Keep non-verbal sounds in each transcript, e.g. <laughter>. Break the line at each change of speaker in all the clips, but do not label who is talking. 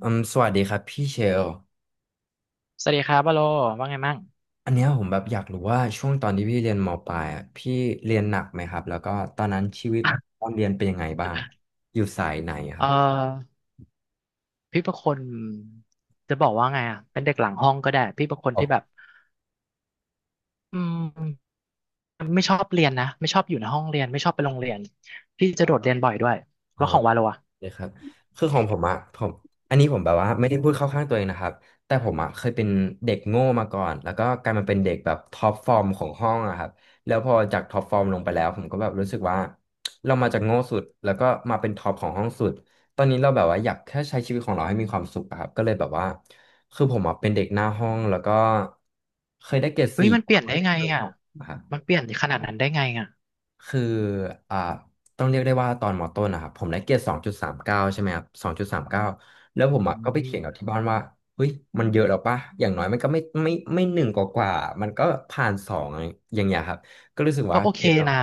สวัสดีครับพี่เชล
สวัสดีครับวาโลว่าไงมั่ง
อันเนี้ยผมแบบอยากรู้ว่าช่วงตอนที่พี่เรียนมปลายอ่ะพี่เรียนหนักไหมครับแล้วก็ตอนนั้นชีวิตตอนเรียนเป็นยังไงบ้างอยู่สายไหน
เ
ครับ
ออพี่เป็นคนจะบอกว่าไงอ่ะเป็นเด็กหลังห้องก็ได้พี่เป็นคนที่แบบอืมไม่ชอบเรียนนะไม่ชอบอยู่ในห้องเรียนไม่ชอบไปโรงเรียนพี่จะโดดเรียนบ่อยด้วย
อ๋
แล้
อ
วของวาโลอ่ะ
เลยครับคือของผมอะผมอันนี้ผมแบบว่าไม่ได้พูดเข้าข้างตัวเองนะครับแต่ผมอะเคยเป็นเด็กโง่มาก่อนแล้วก็กลายมาเป็นเด็กแบบท็อปฟอร์มของห้องอะครับแล้วพอจากท็อปฟอร์มลงไปแล้วผมก็แบบรู้สึกว่าเรามาจากโง่สุดแล้วก็มาเป็นท็อปของห้องสุดตอนนี้เราแบบว่าอยากแค่ใช้ชีวิตของเราให้มีความสุขอะครับก็เลยแบบว่าคือผมอะเป็นเด็กหน้าห้องแล้วก็เคยได้เกรด
เฮ้ย
สี่
มัน
ค
เปลี่ยนได้ไงอ่ะ
รับ
มันเปลี่ยนขนาดนั้นได้ไงอ่ะ
คืออ่าต้องเรียกได้ว่าตอนมต้นนะครับผมได้เกรดสองจุดสามเก้าใช่ไหมครับสองจุดสามเก้าแล้วผ
อื
มอะก็ไปเถียงกับ
ม
ที่บ้านว่าเฮ้ยมันเยอะแล้วปะอย่างน้อยมันก็ไม่หนึ่งกว่ามันก็ผ่านสองอย่างเงี้ยครับก็รู้สึก
ก็
ว่า
โอ
เก
เค
รดเรา
นะ
ก็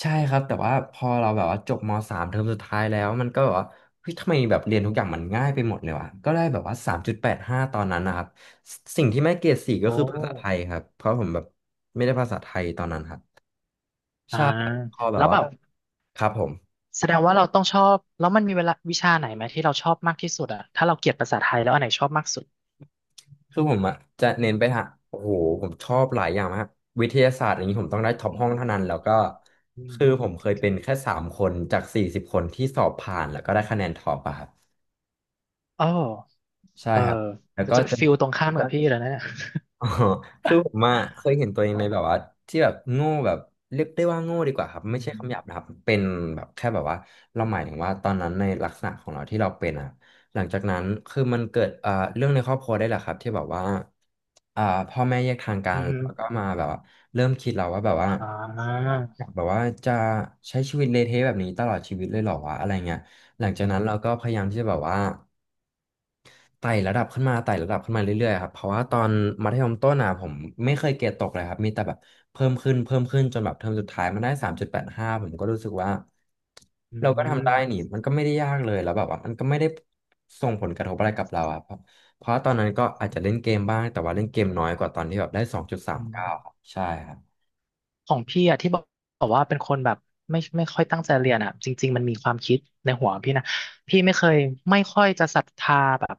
ใช่ครับแต่ว่าพอเราแบบว่าจบมสามเทอมสุดท้ายแล้วมันก็แบบว่าเฮ้ยทำไมแบบเรียนทุกอย่างมันง่ายไปหมดเลยวะก็ได้แบบว่าสามจุดแปดห้าตอนนั้นนะครับสิ่งที่ไม่เกรดสี่ก็
โอ้
คือภาษาไทยครับเพราะผมแบบไม่ได้ภาษาไทยตอนนั้นครับ
อ่า
ใช่ครับก็แบ
แล้
บ
ว
ว่า
แบบ
ครับผม
แสดงว่าเราต้องชอบแล้วมันมีเวลาวิชาไหนไหมที่เราชอบมากที่สุดอ่ะถ้าเราเกลียดภาษาไทยแล้วอันไหนชอบมากสุด
คือผมอ่ะจะเน้นไปทางโอ้โหผมชอบหลายอย่างมากวิทยาศาสตร์อย่างนี้ผมต้องได้ท็อปห้องเท่า
อ
นั้นแล้วก็
ื
คือผ
ม
มเคยเป็นแค่สามคนจาก40 คนที่สอบผ่านแล้วก็ได้คะแนนท็อปอะครับ
อ๋อ
ใช่
เออ
ครับแล้ว
มัน
ก็
จะ
จะ
ฟิลตรงข้ามกับพี่เลยวนะเนี่ย
<laughs> อ๋อคือผมอะเคยเห็นตัวเองในแบบว่าที่แบบโง่แบบเรียกได้ว่าโง่ดีกว่าครับ
อื
ไม่ใช่คำหยาบ
ม
นะครับเป็นแบบแค่แบบว่าเราหมายถึงว่าตอนนั้นในลักษณะของเราที่เราเป็นอะหลังจากนั้นคือมันเกิดเรื่องในครอบครัวได้แหละครับที่แบบว่าอ่าพ่อแม่แยกทางกั
อื
นแล้วก็
ม
มาแบบว่าเริ่มคิดเราว่าแบบว่า
อ่า
อยากแบบว่าจะใช้ชีวิตเละเทะแบบนี้ตลอดชีวิตเลยเหรอวะอะไรเงี้ยหลังจาก
อื
นั้น
ม
เราก็พยายามที่จะแบบว่า ไต่ระดับขึ้นมาไต่ระดับขึ้นมาเรื่อยๆครับเพราะว่าตอนมัธยมต้นอ่ะผมไม่เคยเกรดตกเลยครับมีแต่แบบเพิ่มขึ้นเพิ่มขึ้นจนแบบเทอมสุดท้ายมันได้สามจุดแปดห้าผมก็รู้สึกว่า
อื
เราก็ทำได้นี่
ม
มันก็ไม่ได้ยากเลยแล้วแบบว่ามันก็ไม่ได้ส่งผลกระทบอะไรกับเราอะเพราะว่าตอนนั้นก็อาจจะเล่นเกมบ้างแต่ว่าเล่นเกมน้อยกว่าตอนที่แบบได้สองจุดสา
อื
มเก้า
ม
ครับใช่ครับ
ของพี่อะที่บอกบอกว่าเป็นคนแบบไม่ค่อยตั้งใจเรียนอะจริงๆมันมีความคิดในหัวพี่นะพี่ไม่เคยไม่ค่อยจะศรัทธาแบบ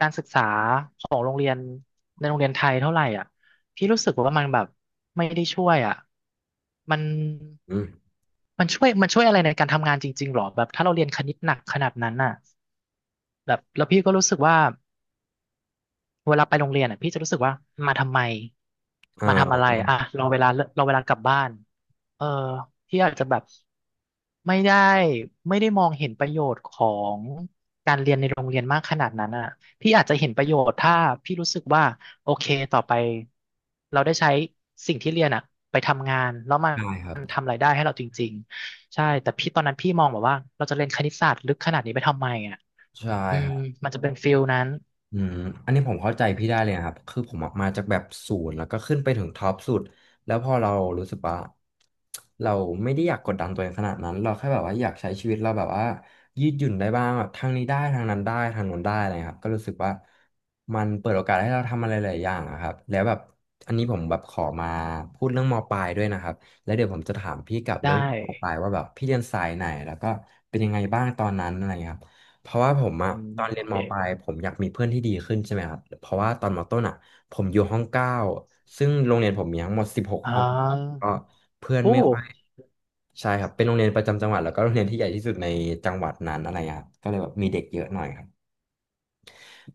การศึกษาของโรงเรียนในโรงเรียนไทยเท่าไหร่อ่ะพี่รู้สึกว่ามันแบบไม่ได้ช่วยอ่ะมัน
อืม
มันช่วยอะไรในการทำงานจริงๆหรอแบบถ้าเราเรียนคณิตหนักขนาดนั้นน่ะ แบบแล้วพี่ก็รู้สึกว่าเวลาไปโรงเรียนอ่ะพี่จะรู้สึกว่ามาทำไมมาทำอะ
อ่า
ไรอ่ะรอเวลาเรอเวลากลับบ้านเออพี่อาจจะแบบไม่ได้ไม่ได้มองเห็นประโยชน์ของการเรียนในโรงเรียนมากขนาดนั้นอ่ะพี่อาจจะเห็นประโยชน์ถ้าพี่รู้สึกว่าโอเคต่อไปเราได้ใช้สิ่งที่เรียนอ่ะไปทำงานแล้วมั
ใช่ครับ
นทำรายได้ให้เราจริงๆใช่แต่พี่ตอนนั้นพี่มองแบบว่าเราจะเรียนคณิตศาสตร์ลึกขนาดนี้ไปทำไมอ่ะ
ใช่
อื
ครั
ม
บ
มันจะเป็นฟิลนั้น
อืมอันนี้ผมเข้าใจพี่ได้เลยนะครับ คือผมอะมาจากแบบศูนย์แล้วก็ขึ้นไปถึงท็อปสุดแล้วพอเรารู้สึกว่าเราไม่ได้อยากกดดันตัวเองขนาดนั้น เราแค่แบบว่าอยากใช้ชีวิตเราแบบว่ายืดหยุ่นได้บ้างแบบทางนี้ได้ทางนั้นได้ทางโน้นได้อะไรครับก็รู้สึกว่ามันเปิดโอกาสให้เราทำอะไรหลายอย่างอะครับแล้วแบบอันนี้ผมแบบขอมาพูดเรื่องมปลายด้วยนะครับแล้วเดี๋ยวผมจะถามพี่กลับ
ได้
เรื่องมปลายว่าแบบพี่เรียนสายไหนแล้วก็เป็นยังไงบ้างตอนนั้นอะไรครับ เพราะว่าผมอะ
อืม
ตอนเรี
โอ
ยนม
เค
ปลายผมอยากมีเพื่อนที่ดีขึ้นใช่ไหมครับเพราะว่าตอนมต้นอะผมอยู่ห้องเก้าซึ่งโรงเรียนผมมีทั้งหมดสิบหก
อ่า
ห้องก็เพื่อน
โอ้
ไม่ค่อยใช่ครับเป็นโรงเรียนประจำจังหวัดแล้วก็โรงเรียนที่ใหญ่ที่สุดในจังหวัดนั้นอะไรครับก็เลยแบบมีเด็กเยอะหน่อยครับ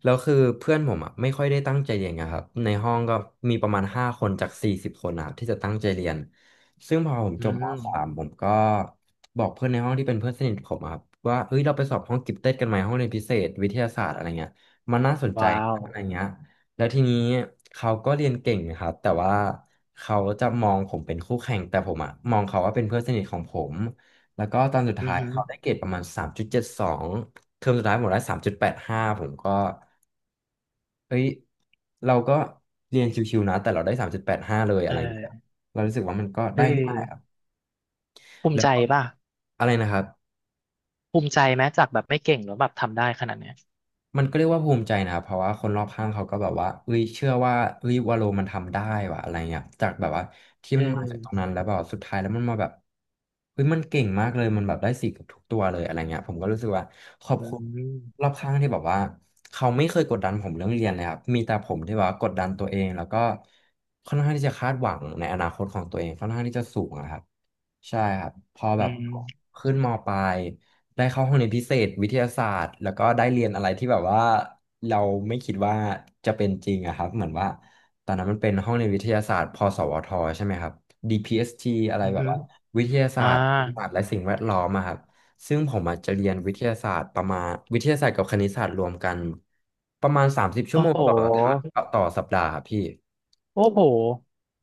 แล้วคือเพื่อนผมอ่ะไม่ค่อยได้ตั้งใจเรียนไงครับในห้องก็มีประมาณห้าคนจากสี่สิบคนนะครับที่จะตั้งใจเรียนซึ่งพอผม
อื
จบมสาม
ม
ผมก็บอกเพื่อนในห้องที่เป็นเพื่อนสนิทผมอะครับว่าเฮ้ยเราไปสอบห้องกิฟเต็ดกันไหมห้องเรียนพิเศษวิทยาศาสตร์อะไรเงี้ยมันน่าสนใจ
ว้าว
อะไรเงี้ยแล้วทีนี้เขาก็เรียนเก่งนะครับแต่ว่าเขาจะมองผมเป็นคู่แข่งแต่ผมอะมองเขาว่าเป็นเพื่อนสนิทของผมแล้วก็ตอนสุด
อือ
ท้าย
หือ
เขาได้เกรดประมาณสามจุดเจ็ดสองเทอมสุดท้ายผมได้สามจุดแปดห้าผมก็ เอ้ย เราก็เรียนชิวๆนะ แต่เราได้สามจุดแปดห้าเลย
เ
อะไรเงี้ย
ออ
เรารู้สึกว่ามันก็ได้
เฮ้ย
ง่ายอะ
ภูมิ
แล้ว
ใจ
ก็
ป่ะ
อะไรนะครับ
ภูมิใจไหมจากแบบไม่เก่งแล้วแบบทำได้ขนาดเนี้ย
มันก็เรียกว่าภูมิใจนะครับเพราะว่าคนรอบข้างเขาก็แบบว่าเอ้ยเชื่อว่าเอ้ยวาโลมันทำได้ว่ะอะไรเงี้ยจากแบบว่าที่
เอ
มันมาจากตรงนั้
อ
นแล้วแบบสุดท้ายแล้วมันมาแบบเฮ้ยมันเก่งมากเลยมันแบบได้สี่เกับทุกตัวเลยอะไรเงี้ยผมก็รู้สึกว่าขอบ
อื
คุณรอ
ม
บข้างที่แบบว่าเขาไม่เคยกดดันผมเรื่องเรียนเลยครับมีแต่ผมที่แบบว่ากดดันตัวเองแล้วก็ค่อนข้างที่จะคาดหวังในอนาคตของตัวเองค่อนข้างที่จะสูงอะครับใช่ครับพอ
อื
แบบ
ม
ขึ้นมปลาย ได้เข้าห้องเรียนพิเศษวิทยาศาสตร์แล้วก็ได้เรียนอะไรที่แบบว่าเราไม่คิดว่าจะเป็นจริงอะครับเหมือนว่าตอนนั้นมันเป็นห้องเรียนวิทยาศาสตร์พสวทใช่ไหมครับ DPST อสทีอะไร
อือ
แบบ
หือ
ว่าวิทยาศา
อ่า
สตร์ศาสตร์และสิ่งแวดล้อมอะครับซึ่งผมอาจจะเรียนวิทยาศาสตร์ประมาณวิทยาศาสตร์กับคณิตศาสตร์รวมกันประมาณ30ชั่
โอ้
วโมง
โห
ต่ออาทิตย์ต่อสัปดาห์ครับพี่
โอ้โห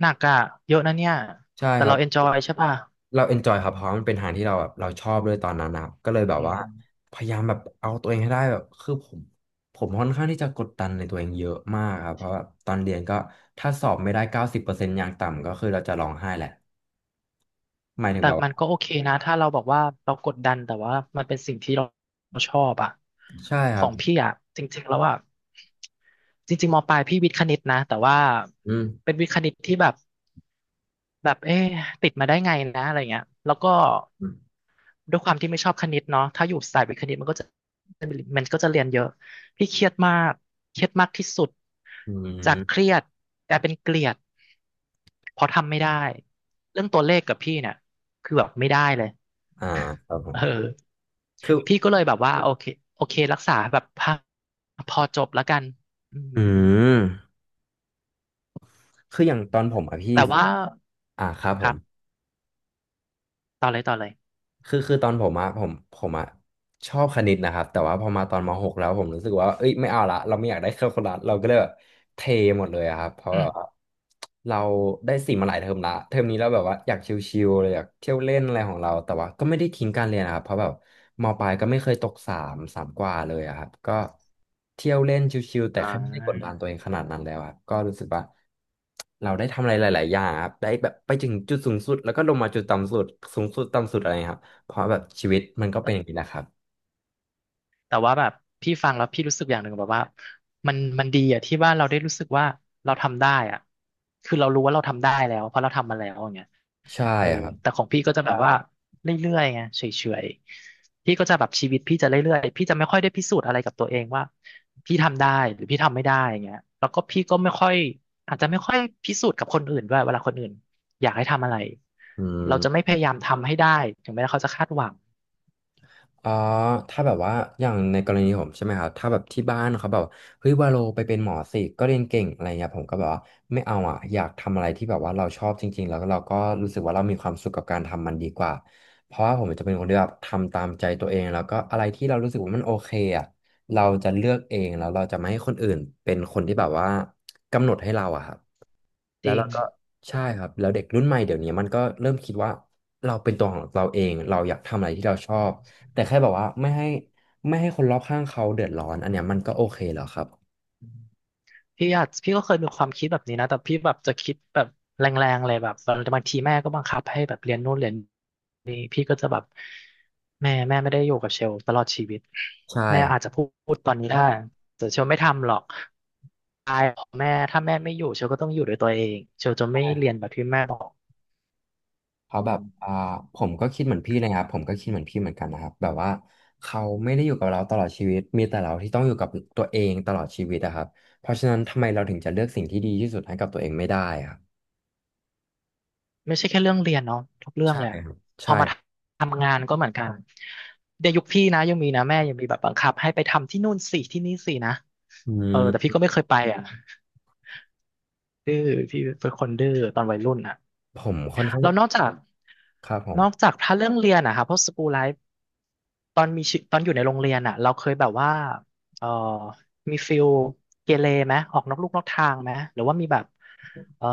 หนักอ่ะ เยอะนะเนี่ย
ใช่
แต่
ครั
เรา
บ
เอนจอยใช่ป่ะ
เราเอนจอยครับเพราะมันเป็นทางที่เราแบบเราชอบด้วยตอนนั้นนะครับก็เลยแบบ
อื
ว่า
ม
พยายามแบบเอาตัวเองให้ได้แบบคือผมค่อนข้างที่จะกดดันในตัวเองเยอะมากครับเพราะว่าตอนเรียนก็ถ้าสอบไม่ได้เก้าสิบเปอร์เซ็นต์อย่างต่ำก็คือเราจะร้องไห้แหละหมายถึง
แต่
แบบ
มันก็
ว่า
โอเคนะถ้าเราบอกว่าเรากดดันแต่ว่ามันเป็นสิ่งที่เราชอบอะ
ใช่ค
ขอ
รับ
งพี่อะจริงๆแล้วอะจริงๆมปลายพี่วิทย์คณิตนะแต่ว่า
อืม
เป็นวิทย์คณิตที่แบบแบบเอ๊ะติดมาได้ไงนะอะไรเงี้ยแล้วก็
อืม
ด้วยความที่ไม่ชอบคณิตเนาะถ้าอยู่สายวิทย์คณิตมันก็จะเรียนเยอะพี่เครียดมากเครียดมากที่สุด
อื
จากเค
ม
รียดกลายเป็นเกลียดเพราะทำไม่ได้เรื่องตัวเลขกับพี่เนี่ยคือแบบไม่ได้เลย
อ่าครับผม
เออ
คือ
พี่ก็เลยแบบว่าโอเคโอเครักษาแบบพอพอจบแล้วกันอืม
อืมคืออย่างตอนผมอะพี่
แต่ว่า
อ่าครับผ
ครั
ม
บต่อเลยต่อเลย
คือตอนผมอะผมอะชอบคณิตนะครับแต่ว่าพอมาตอนมหกแล้วผมรู้สึกว่าเอ้ยไม่เอาละเราไม่อยากได้แคลคูลัสเราก็เลยแบบเทหมดเลยอะครับเพราะ
อื
แบ
ม
บว่าเราได้สิ่งมาหลายเทอมละเทอมนี้เราแบบว่าอยากชิลๆเลยอยากเที่ยวเล่นอะไรของเราแต่ว่าก็ไม่ได้ทิ้งการเรียนนะครับเพราะแบบมปลายก็ไม่เคยตกสามสามกว่าเลยอะครับก็เที่ยวเล่นชิลๆแต่
อ่า
แค่ไม่ได้กดดันตัวเองขนาดนั้นแล้วอะก็รู้สึกว่าเราได้ทำอะไรหลายๆอย่างครับได้แบบไปถึงจุดสูงสุดแล้วก็ลงมาจุดต่ำสุดสูงสุดต่ำสุดอะไรครับ เพราะแบบชีวิตมันก็เป็นอย่างนี้แหละครับ
แต่ว่าแบบพี่ฟังแล้วพี่รู้สึกอย่างหนึ่งแบบว่ามันดีอะที่ว่าเราได้รู้สึกว่าเราทำได้อะคือเรารู้ว่าเราทำได้แล้วเพราะเราทำมาแล้วอย่างเงี้ย
ใช่
เออ
ครับ
แต่ของพี่ก็จะแบบว่าเรื่อยๆไงเฉยๆพี่ก็จะแบบชีวิตพี่จะเรื่อยๆพี่จะไม่ค่อยได้พิสูจน์อะไรกับตัวเองว่าพี่ทำได้หรือพี่ทำไม่ได้อย่างเงี้ยแล้วก็พี่ก็ไม่ค่อยอาจจะไม่ค่อยพิสูจน์กับคนอื่นด้วยเวลาคนอื่นอยากให้ทำอะไร
อื
เราจะไม่
ม
พยายามทำให้ได้ถึงแม้เขาจะคาดหวัง
อ๋อถ้าแบบว่าอย่างในกรณีผมใช่ไหมครับถ้าแบบที่บ้านเขาแบบเฮ้ยวาโลไปเป็นหมอสิก็เรียนเก่งอะไรเงี้ยผมก็แบบว่าไม่เอาอ่ะอยากทำอะไรที่แบบว่าเราชอบจริงๆแล้วก็เราก็รู้สึกว่าเรามีความสุขกับการทำมันดีกว่า เพราะว่าผมจะเป็นคนที่แบบทำตามใจตัวเองแล้วก็อะไรที่เรารู้สึกว่ามันโอเคอ่ะเราจะเลือกเองแล้วเราจะไม่ให้คนอื่นเป็นคนที่แบบว่ากำหนดให้เราอะครับ
จ
แล้ว
ริ
เรา
ง
ก็ใช่ครับแล้วเด็กรุ่นใหม่เดี๋ยวนี้มันก็เริ่มคิดว่าเราเป็นตัวของเราเอง เราอยากทำอะไรที่เราชอบ แต่แค่แบบว่าไม่ให้คนรอบข้างเขาเดือดร้อนอันเนี้ยมันก็โอเคแล้วครับ
พี่อาจพี่ก็เคยมีความคิดแบบนี้นะแต่พี่แบบจะคิดแบบแรงๆเลยแบบบางทีแม่ก็บังคับให้แบบเรียนนู่นเรียนนี่พี่ก็จะแบบแม่ไม่ได้อยู่กับเชลตลอดชีวิต
ใช่
แม่
ครับ
อาจจะพูดตอนนี้ได้แต่เชลไม่ทำหรอกตายของแม่ถ้าแม่ไม่อยู่เชลก็ต้องอยู่ด้วยตัวเองเชลจะ
ใช่
ไม่
ค
เรี
รั
ยน
บ
แบบที่แม่บอก
เขาแบ
อื
บ
ม
อ่าผมก็คิดเหมือนพี่เลยครับผมก็คิดเหมือนพี่เหมือนกันนะครับแบบว่าเขาไม่ได้อยู่กับเราตลอดชีวิตมีแต่เราที่ต้องอยู่กับตัวเองตลอดชีวิตอะครับเพราะฉะนั้นทำไมเราถึงจะเลือกสิ่งที่ดีที่สุดให้กับตัวเองไม่ได้อะครับ
ไม่ใช่แค่เรื่องเรียนเนาะทุกเรื่อง
ใช่
เลยอะ
ครับ
พอ
ใช่
มาทำงานก็เหมือนกันเดี๋ยวยุคพี่นะยังมีนะแม่ยังมีแบบบังคับให้ไปทำที่นู่นสิที่นี่สินะ
อื
เออแต่พี่
ม
ก็ไม่เคยไปอ่ะดื้อพี่เป็นคนดื้อตอนวัยรุ่นอ่ะ
ผมค่อนข้าง
แล้วนอกจาก
ครับผม
นอกจากถ้าเรื่องเรียนอะค่ะพวกสกู l ไลฟ์ตอนมีชีตอนอยู่ในโรงเรียนอะเราเคยแบบว่าเออมีฟิลเกเรไหมออกนอกลูกนอกทางไหมหรือว่ามีแบบเออ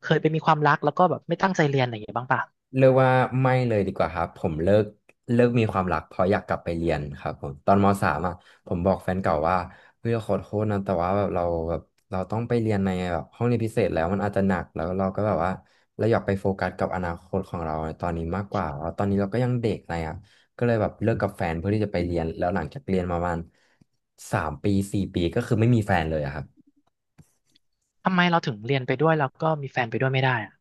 เคยไปมีความรักแล้วก็แบบไม่ตั้งใจเรียนอะไรอย่างเงี้ยบ้างป่ะ
เรียกว่าไม่เลยดีกว่าครับผมเลิกมีความรักเพราะอยากกลับไปเรียนครับผมตอนมสามอ่ะผมบอกแฟนเก่าว่าเฮ้ยขอโทษนะแต่ว่าแบบเราต้องไปเรียนในแบบห้องเรียนพิเศษแล้วมันอาจจะหนักแล้วเราก็แบบว่าเราอยากไปโฟกัสกับอนาคตของเราในตอนนี้มากกว่าแล้วตอนนี้เราก็ยังเด็กอะไรอ่ะก็เลยแบบเลิกกับแฟนเพื่อที่จะไปเรียนแล้วหลังจากเรียนมาประมาณสามปีสี่ปีก็คือไม่มีแฟนเลยอะครับ
ทำไมเราถึงเรียนไปด้วยแล้วก็มีแฟนไปด้วยไม่ได้อะ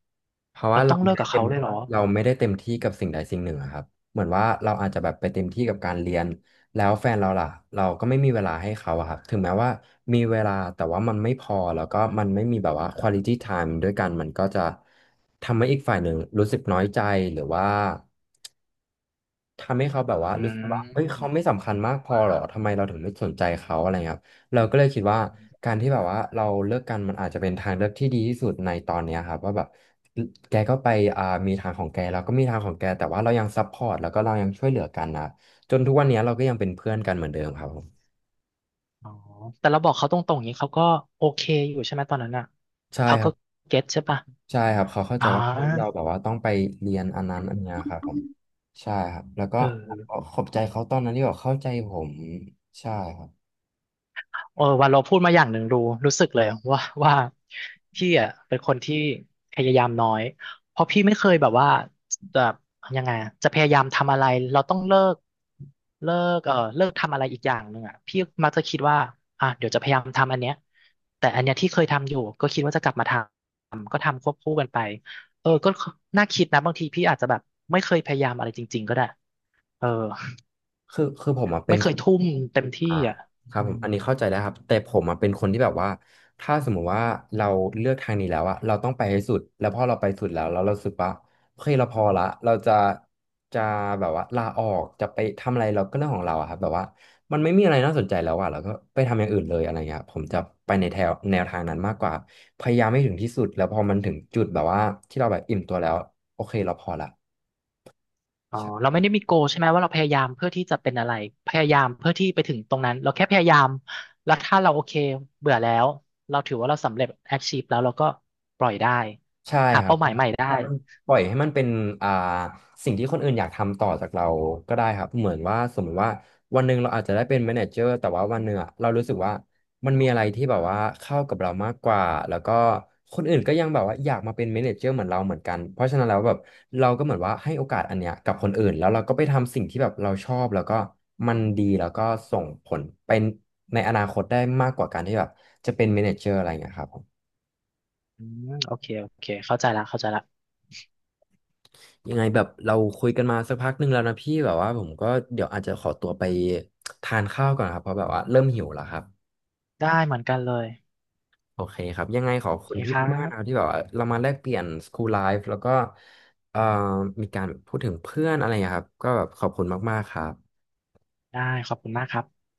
เพราะ
เรา
ว่า
ต้องเลิกกับเขาเลยเหรอ
เราไม่ได้เต็มที่กับสิ่งใดสิ่งหนึ่งอะครับเหมือนว่าเราอาจจะแบบไปเต็มที่กับการเรียนแล้วแฟนเราล่ะเราก็ไม่มีเวลาให้เขาอะครับถึงแม้ว่ามีเวลาแต่ว่ามันไม่พอแล้วก็มันไม่มีแบบว่า quality time ด้วยกันมันก็จะทำให้อีกฝ่ายหนึ่งรู้สึกน้อยใจหรือว่า ทำให้เขาแบบว่า
อื
รู้
ม
สึกว่าเฮ้ยเขาไม่สำคัญมากพอหรอทำไมเราถึงไม่สนใจเขาอะไรเงี้ยครับเราก็เลยคิดว่าการที่แบบว่าเราเลิกกันมันอาจจะเป็นทางเลือกที่ดีที่สุดในตอนเนี้ยครับว่าแบบแกก็ไปมีทางของแกเราก็มีทางของแกแต่ว่าเรายังซัพพอร์ตแล้วก็เรายังช่วยเหลือกันนะจนทุกวันเนี้ยเราก็ยังเป็นเพื่อนกันเหมือนเดิมครับผม
อ๋อแต่เราบอกเขาตรงๆอย่างนี้เขาก็โอเคอยู่ใช่ไหมตอนนั้นอ่ะ
ใช่
เขา
ค
ก็
รับ
เก็ตใช่ปะ
ใช่ครับเขาเข้าใจ
อ่
ว่าเรา
า
แบบว่าต้องไปเรียนอันนั้นอันเนี้ยครับผมใช่ครับแล้วก็
เออ
ขอบใจเขาตอนนั้นที่แบบเข้าใจผมใช่ครับ
เออวันเราพูดมาอย่างหนึ่งรู้รู้สึกเลยว่าว่าพี่อ่ะเป็นคนที่พยายามน้อยเพราะพี่ไม่เคยแบบว่าจะยังไงอะจะพยายามทำอะไรเราต้องเลิกเลิเลิกทำอะไรอีกอย่างหนึ่งอ่ะพี่มักจะคิดว่าอ่ะเดี๋ยวจะพยายามทำอันเนี้ยแต่อันเนี้ยที่เคยทำอยู่ก็คิดว่าจะกลับมาทำก็ทำควบคู่กันไปเออก็น่าคิดนะบางทีพี่อาจจะแบบไม่เคยพยายามอะไรจริงๆก็ได้เออ
คือผมอ่ะเป็
ไม่
น
เคยทุ่มเต็มที่
อ่า
อ่ะ
ครั
อื
บผม
ม
อันนี้เข้าใจแล้วครับแต่ผมอ่ะเป็นคนที่แบบว่าถ้าสมมุติว่าเราเลือกทางนี้แล้วอะเราต้องไปให้สุดแล้วพอเราไปสุดแล้วแล้วเรารู้สึกว่าเฮ้ยเราพอละเราจะแบบว่าลาออกจะไปทำอะไรเราก็เรื่องของเราอะครับแบบว่ามันไม่มีอะไรน่าสนใจแล้วอะเราก็ไปทำอย่างอื่นเลยอะไรเงี้ยผมจะไปในแถวแนวทางนั้นมากกว่าพยายามให้ถึงที่สุดแล้วพอมันถึงจุดแบบว่าที่เราแบบอิ่มตัวแล้วโอเคเราพอละ
อ๋อ
ใช่
เราไม่ได้มีโกใช่ไหมว่าเราพยายามเพื่อที่จะเป็นอะไรพยายามเพื่อที่ไปถึงตรงนั้นเราแค่พยายามแล้วถ้าเราโอเคเบื่อแล้วเราถือว่าเราสำเร็จ achieve แล้วเราก็ปล่อยได้
ใช่
หา
ครั
เป้าห
บ่
มาย
ครั
ให
บ
ม่ได้
มันปล่อยให้มันเป็นอ่าสิ่งที่คนอื่นอยากทำต่อจากเราก็ได้ครับเหมือนว่าสมมติว่าวันหนึ่งเราอาจจะได้เป็นแมเนเจอร์แต่ว่าวันหนึ่งอะเรารู้สึกว่ามันมีอะไรที่แบบว่าเข้ากับเรามากกว่าแล้วก็คนอื่นก็ยังแบบว่าอยากมาเป็นแมเนเจอร์เหมือนเราเหมือนกันเพราะฉะนั้นแล้วแบบเราก็เหมือนว่าให้โอกาสอันเนี้ยกับคนอื่นแล้วเราก็ไปทำสิ่งที่แบบเราชอบแล้วก็มันดีแล้วก็ส่งผลเป็นในอนาคตได้มากกว่าการที่แบบจะเป็นแมเนเจอร์อะไรอย่างเงี้ยครับ
อืมโอเคโอเคเข้าใจละเข้าใจละ
ยังไงแบบเราคุยกันมาสักพักหนึ่งแล้วนะพี่แบบว่าผมก็เดี๋ยวอาจจะขอตัวไปทานข้าวก่อนครับเพราะแบบว่าเริ่มหิวแล้วครับ
ได้เหมือนกันเลย
โอเคครับยังไงขอ
โอ
บ
เค
คุณพี่
ครั
มากๆนะครับ
บ
ที่แบบว่าเรามาแลกเปลี่ยน School Life แล้วก็เอ่อมีการพูดถึงเพื่อนอะไรอย่างเงี้ยครับก็แบบขอบคุณมากๆครับ
ได้ขอบคุณมากครับ